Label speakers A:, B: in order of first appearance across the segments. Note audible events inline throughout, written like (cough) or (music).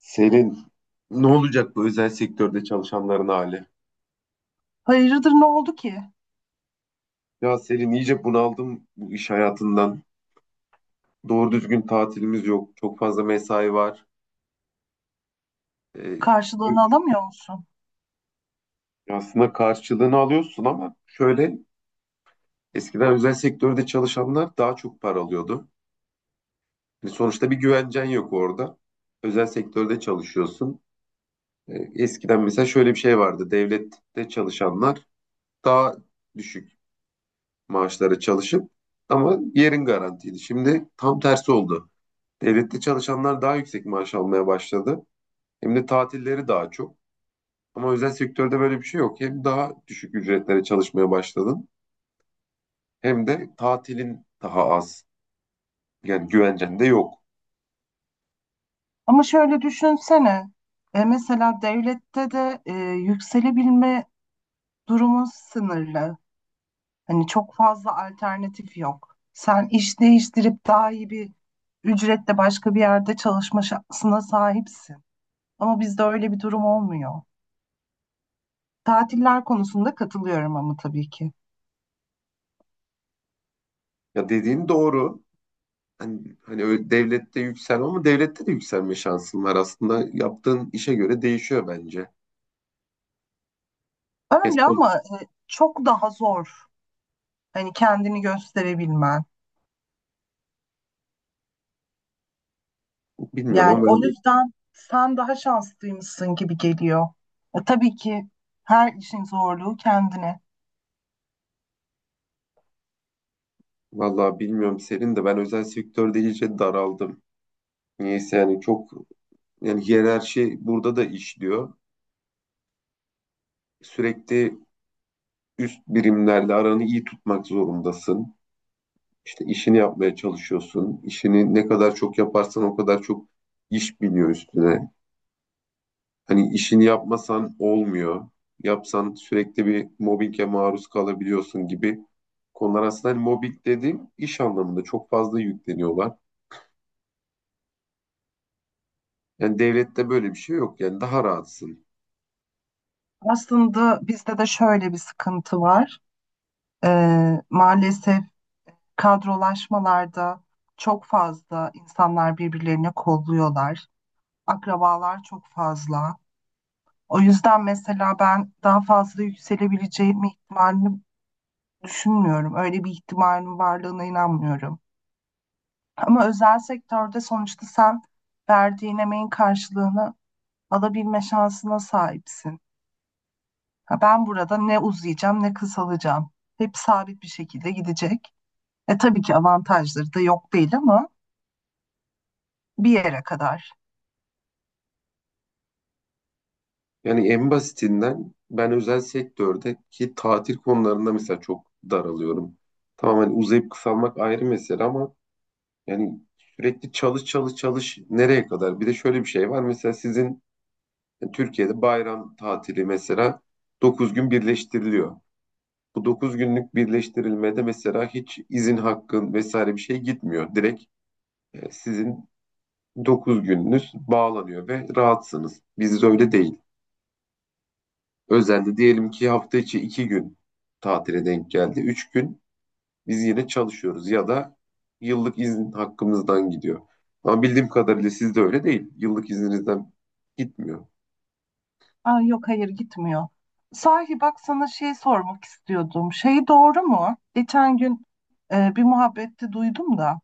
A: Senin ne olacak bu özel sektörde çalışanların hali?
B: Hayırdır ne oldu ki?
A: Ya Selin, iyice bunaldım bu iş hayatından. Doğru düzgün tatilimiz yok. Çok fazla mesai var. Ee,
B: Karşılığını alamıyor musun?
A: aslında karşılığını alıyorsun, ama şöyle, eskiden özel sektörde çalışanlar daha çok para alıyordu. Yani sonuçta bir güvencen yok orada. Özel sektörde çalışıyorsun. Eskiden mesela şöyle bir şey vardı. Devlette çalışanlar daha düşük maaşlara çalışıp ama yerin garantiydi. Şimdi tam tersi oldu. Devlette çalışanlar daha yüksek maaş almaya başladı. Hem de tatilleri daha çok. Ama özel sektörde böyle bir şey yok. Hem daha düşük ücretlere çalışmaya başladın, hem de tatilin daha az. Yani güvencen de yok.
B: Ama şöyle düşünsene. E, mesela devlette de yükselebilme durumu sınırlı. Hani çok fazla alternatif yok. Sen iş değiştirip daha iyi bir ücretle başka bir yerde çalışma şansına sahipsin. Ama bizde öyle bir durum olmuyor. Tatiller konusunda katılıyorum ama tabii ki.
A: Ya, dediğin doğru. Hani öyle devlette yükselme, ama devlette de yükselme şansın var. Aslında yaptığın işe göre değişiyor bence.
B: Öyle
A: Kesin
B: ama çok daha zor. Hani kendini gösterebilmen.
A: bilmiyorum
B: Yani
A: ama
B: o
A: ben,
B: yüzden sen daha şanslıymışsın gibi geliyor. E, tabii ki her işin zorluğu kendine.
A: vallahi bilmiyorum Serin, de ben özel sektörde iyice daraldım. Niyeyse, yani çok, yani hiyerarşi burada da işliyor, sürekli üst birimlerle aranı iyi tutmak zorundasın. İşte işini yapmaya çalışıyorsun. İşini ne kadar çok yaparsan o kadar çok iş biniyor üstüne. Hani işini yapmasan olmuyor. Yapsan sürekli bir mobbinge maruz kalabiliyorsun gibi konular, aslında hani mobbing dediğim iş anlamında çok fazla yükleniyorlar. Yani devlette böyle bir şey yok. Yani daha rahatsın.
B: Aslında bizde de şöyle bir sıkıntı var. E, maalesef kadrolaşmalarda çok fazla insanlar birbirlerini kolluyorlar. Akrabalar çok fazla. O yüzden mesela ben daha fazla yükselebileceğim ihtimalini düşünmüyorum. Öyle bir ihtimalin varlığına inanmıyorum. Ama özel sektörde sonuçta sen verdiğin emeğin karşılığını alabilme şansına sahipsin. Ha, ben burada ne uzayacağım ne kısalacağım. Hep sabit bir şekilde gidecek. E tabii ki avantajları da yok değil ama bir yere kadar.
A: Yani en basitinden ben özel sektördeki tatil konularında mesela çok daralıyorum. Tamam, hani uzayıp kısalmak ayrı mesele ama yani, sürekli çalış çalış çalış, nereye kadar? Bir de şöyle bir şey var. Mesela sizin Türkiye'de bayram tatili mesela 9 gün birleştiriliyor. Bu 9 günlük birleştirilmede mesela hiç izin hakkın vesaire bir şey gitmiyor. Direkt sizin 9 gününüz bağlanıyor ve rahatsınız. Bizde öyle değil. Özelde diyelim ki hafta içi 2 gün tatile denk geldi. 3 gün biz yine çalışıyoruz, ya da yıllık izin hakkımızdan gidiyor. Ama bildiğim kadarıyla sizde öyle değil. Yıllık izninizden gitmiyor.
B: Aa, yok, hayır gitmiyor. Sahi bak, sana şey sormak istiyordum. Şey, doğru mu? Geçen gün bir muhabbette duydum da.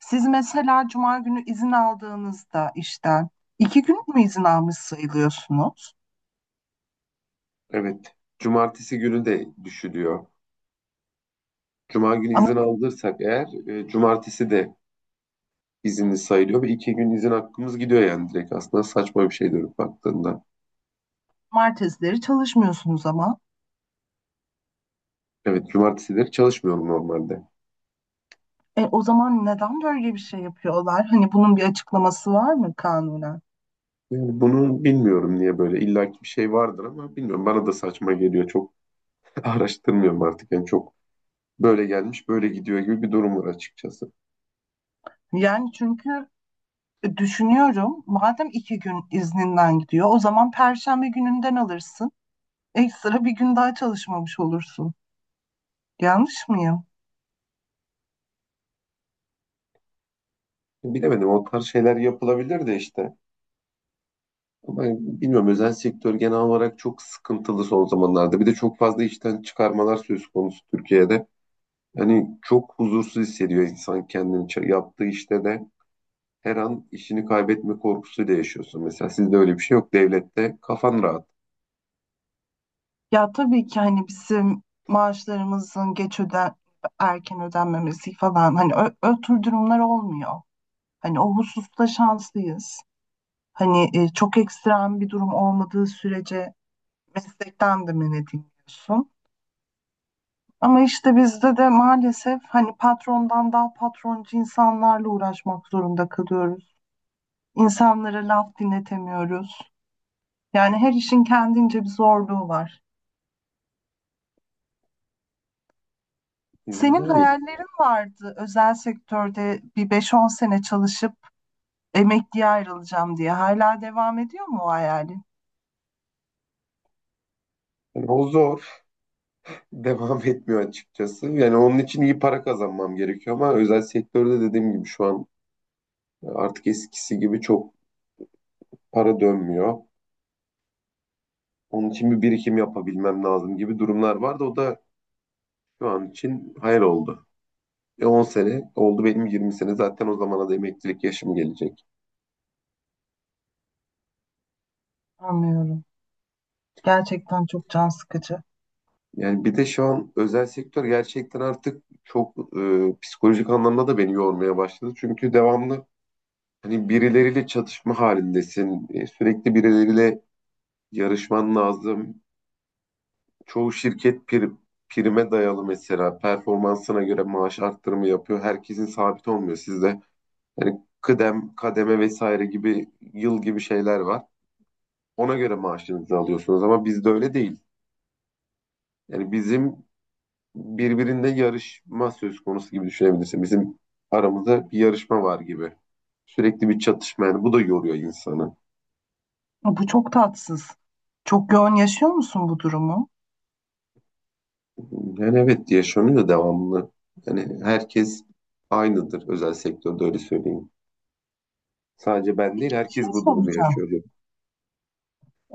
B: Siz mesela cuma günü izin aldığınızda işten iki gün mü izin almış sayılıyorsunuz?
A: Evet. Cumartesi günü de düşülüyor. Cuma günü
B: Ama
A: izin aldırsak eğer, cumartesi de izinli sayılıyor ve 2 gün izin hakkımız gidiyor, yani direkt aslında saçma bir şey dönüp baktığında.
B: Cumartesileri çalışmıyorsunuz ama.
A: Evet, cumartesileri çalışmıyorum normalde.
B: E, o zaman neden böyle bir şey yapıyorlar? Hani bunun bir açıklaması var mı kanunen?
A: Yani bunu bilmiyorum niye böyle, illaki bir şey vardır ama bilmiyorum, bana da saçma geliyor çok. (laughs) Araştırmıyorum artık, yani çok. Böyle gelmiş, böyle gidiyor gibi bir durum var açıkçası.
B: Yani çünkü düşünüyorum, madem iki gün izninden gidiyor o zaman Perşembe gününden alırsın. Ekstra bir gün daha çalışmamış olursun. Yanlış mıyım?
A: Bilemedim, o tarz şeyler yapılabilir de işte. Ama bilmiyorum, özel sektör genel olarak çok sıkıntılı son zamanlarda. Bir de çok fazla işten çıkarmalar söz konusu Türkiye'de. Hani çok huzursuz hissediyor insan kendini. Yaptığı işte de her an işini kaybetme korkusuyla yaşıyorsun. Mesela sizde öyle bir şey yok. Devlette kafan rahat.
B: Ya tabii ki hani bizim maaşlarımızın geç öden erken ödenmemesi falan, hani ö, ö tür durumlar olmuyor. Hani o hususta şanslıyız. Hani çok ekstrem bir durum olmadığı sürece meslekten de men ediliyorsun. Ama işte bizde de maalesef hani patrondan daha patroncu insanlarla uğraşmak zorunda kalıyoruz. İnsanlara laf dinletemiyoruz. Yani her işin kendince bir zorluğu var. Senin
A: Yani,
B: hayallerin vardı, özel sektörde bir 5-10 sene çalışıp emekliye ayrılacağım diye. Hala devam ediyor mu o hayalin?
A: yani o zor. (laughs) Devam etmiyor açıkçası. Yani onun için iyi para kazanmam gerekiyor, ama özel sektörde dediğim gibi şu an, artık eskisi gibi çok para dönmüyor. Onun için bir birikim yapabilmem lazım gibi durumlar vardı. O da şu an için hayal oldu. 10 sene oldu benim, 20 sene. Zaten o zamana da emeklilik yaşım gelecek.
B: Anlıyorum. Gerçekten çok can sıkıcı.
A: Yani bir de şu an özel sektör gerçekten artık çok, psikolojik anlamda da beni yormaya başladı. Çünkü devamlı hani birileriyle çatışma halindesin. Sürekli birileriyle yarışman lazım. Çoğu şirket prime dayalı, mesela performansına göre maaş arttırımı yapıyor. Herkesin sabit olmuyor sizde. Yani kıdem, kademe vesaire gibi, yıl gibi şeyler var. Ona göre maaşınızı alıyorsunuz, ama bizde öyle değil. Yani bizim birbirinde yarışma söz konusu gibi düşünebilirsin. Bizim aramızda bir yarışma var gibi. Sürekli bir çatışma, yani bu da yoruyor insanı.
B: Bu çok tatsız. Çok yoğun yaşıyor musun bu durumu?
A: Yani evet, yaşanıyor devamlı. Yani herkes aynıdır özel sektörde, öyle söyleyeyim. Sadece ben değil,
B: Peki, bir şey
A: herkes bu durumu
B: soracağım.
A: yaşıyor diyor.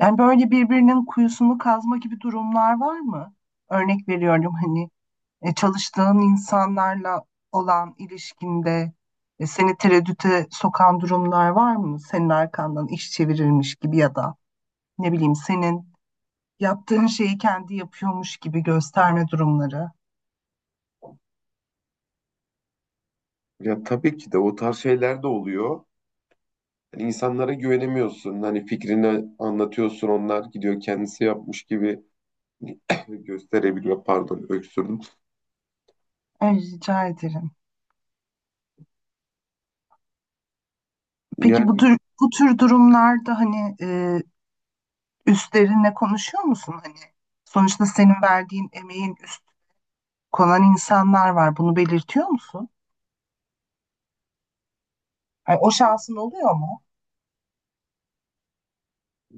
B: Yani böyle birbirinin kuyusunu kazma gibi durumlar var mı? Örnek veriyorum, hani çalıştığın insanlarla olan ilişkinde seni tereddüte sokan durumlar var mı? Senin arkandan iş çevirilmiş gibi ya da ne bileyim senin yaptığın şeyi kendi yapıyormuş gibi gösterme durumları.
A: Ya tabii ki de, o tarz şeyler de oluyor. Yani insanlara güvenemiyorsun. Hani fikrini anlatıyorsun, onlar gidiyor kendisi yapmış gibi (coughs) gösterebiliyor. Pardon, öksürdüm.
B: Ay, rica ederim. Peki
A: Yani
B: bu tür durumlarda hani üstlerinle konuşuyor musun? Hani sonuçta senin verdiğin emeğin üst konan insanlar var. Bunu belirtiyor musun? Hani o şansın oluyor mu?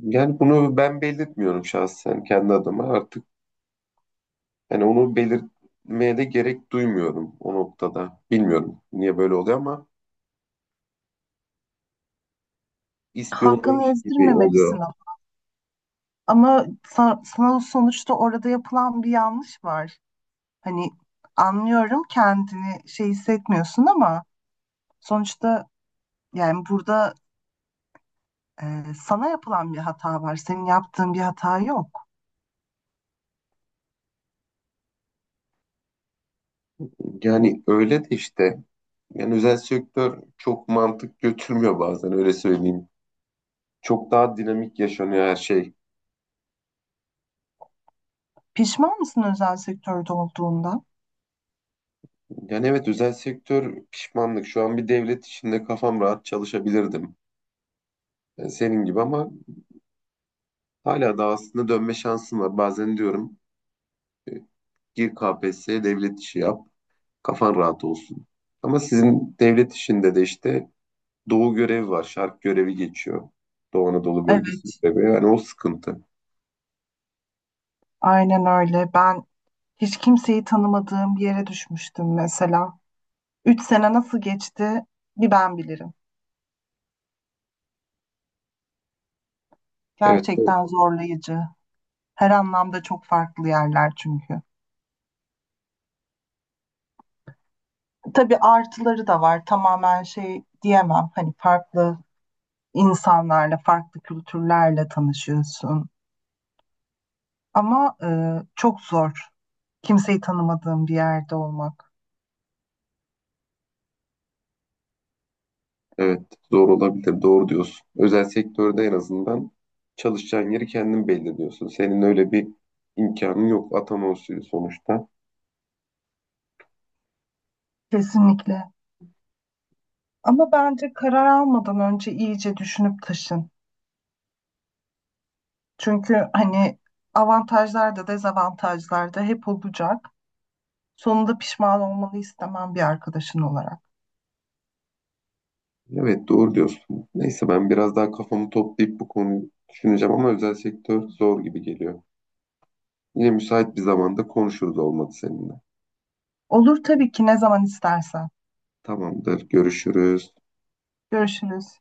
A: yani bunu ben belirtmiyorum şahsen kendi adıma artık. Yani onu belirtmeye de gerek duymuyorum o noktada. Bilmiyorum niye böyle oluyor ama
B: Hakkını
A: ispiyonlamış gibi
B: ezdirmemelisin
A: oluyor.
B: ama. Ama sana sonuçta orada yapılan bir yanlış var. Hani anlıyorum, kendini şey hissetmiyorsun ama sonuçta yani burada sana yapılan bir hata var. Senin yaptığın bir hata yok.
A: Yani öyle de işte. Yani özel sektör çok mantık götürmüyor bazen, öyle söyleyeyim. Çok daha dinamik yaşanıyor her şey.
B: Pişman mısın özel sektörde olduğunda?
A: Yani evet, özel sektör pişmanlık. Şu an bir devlet içinde kafam rahat çalışabilirdim. Senin gibi, ama hala da aslında dönme şansım var. Bazen diyorum, e, gir KPSS'ye, devlet işi yap. Kafan rahat olsun. Ama sizin devlet işinde de işte doğu görevi var. Şark görevi geçiyor. Doğu Anadolu bölgesi
B: Evet,
A: görevi. Yani o sıkıntı.
B: aynen öyle. Ben hiç kimseyi tanımadığım bir yere düşmüştüm mesela. 3 sene nasıl geçti bir ben bilirim.
A: Evet.
B: Gerçekten zorlayıcı. Her anlamda çok farklı yerler çünkü. Tabii artıları da var. Tamamen şey diyemem. Hani farklı insanlarla, farklı kültürlerle tanışıyorsun. Ama çok zor. Kimseyi tanımadığın bir yerde olmak.
A: Evet, zor olabilir. Doğru diyorsun. Özel sektörde en azından çalışacağın yeri kendin belirliyorsun. Senin öyle bir imkanın yok. Atama usulü sonuçta.
B: Kesinlikle. Ama bence karar almadan önce iyice düşünüp taşın. Çünkü hani avantajlar da dezavantajlar da hep olacak. Sonunda pişman olmanı istemem bir arkadaşın olarak.
A: Evet, doğru diyorsun. Neyse, ben biraz daha kafamı toplayıp bu konuyu düşüneceğim, ama özel sektör zor gibi geliyor. Yine müsait bir zamanda konuşuruz, olmadı, seninle.
B: Olur tabii ki, ne zaman istersen.
A: Tamamdır, görüşürüz.
B: Görüşürüz.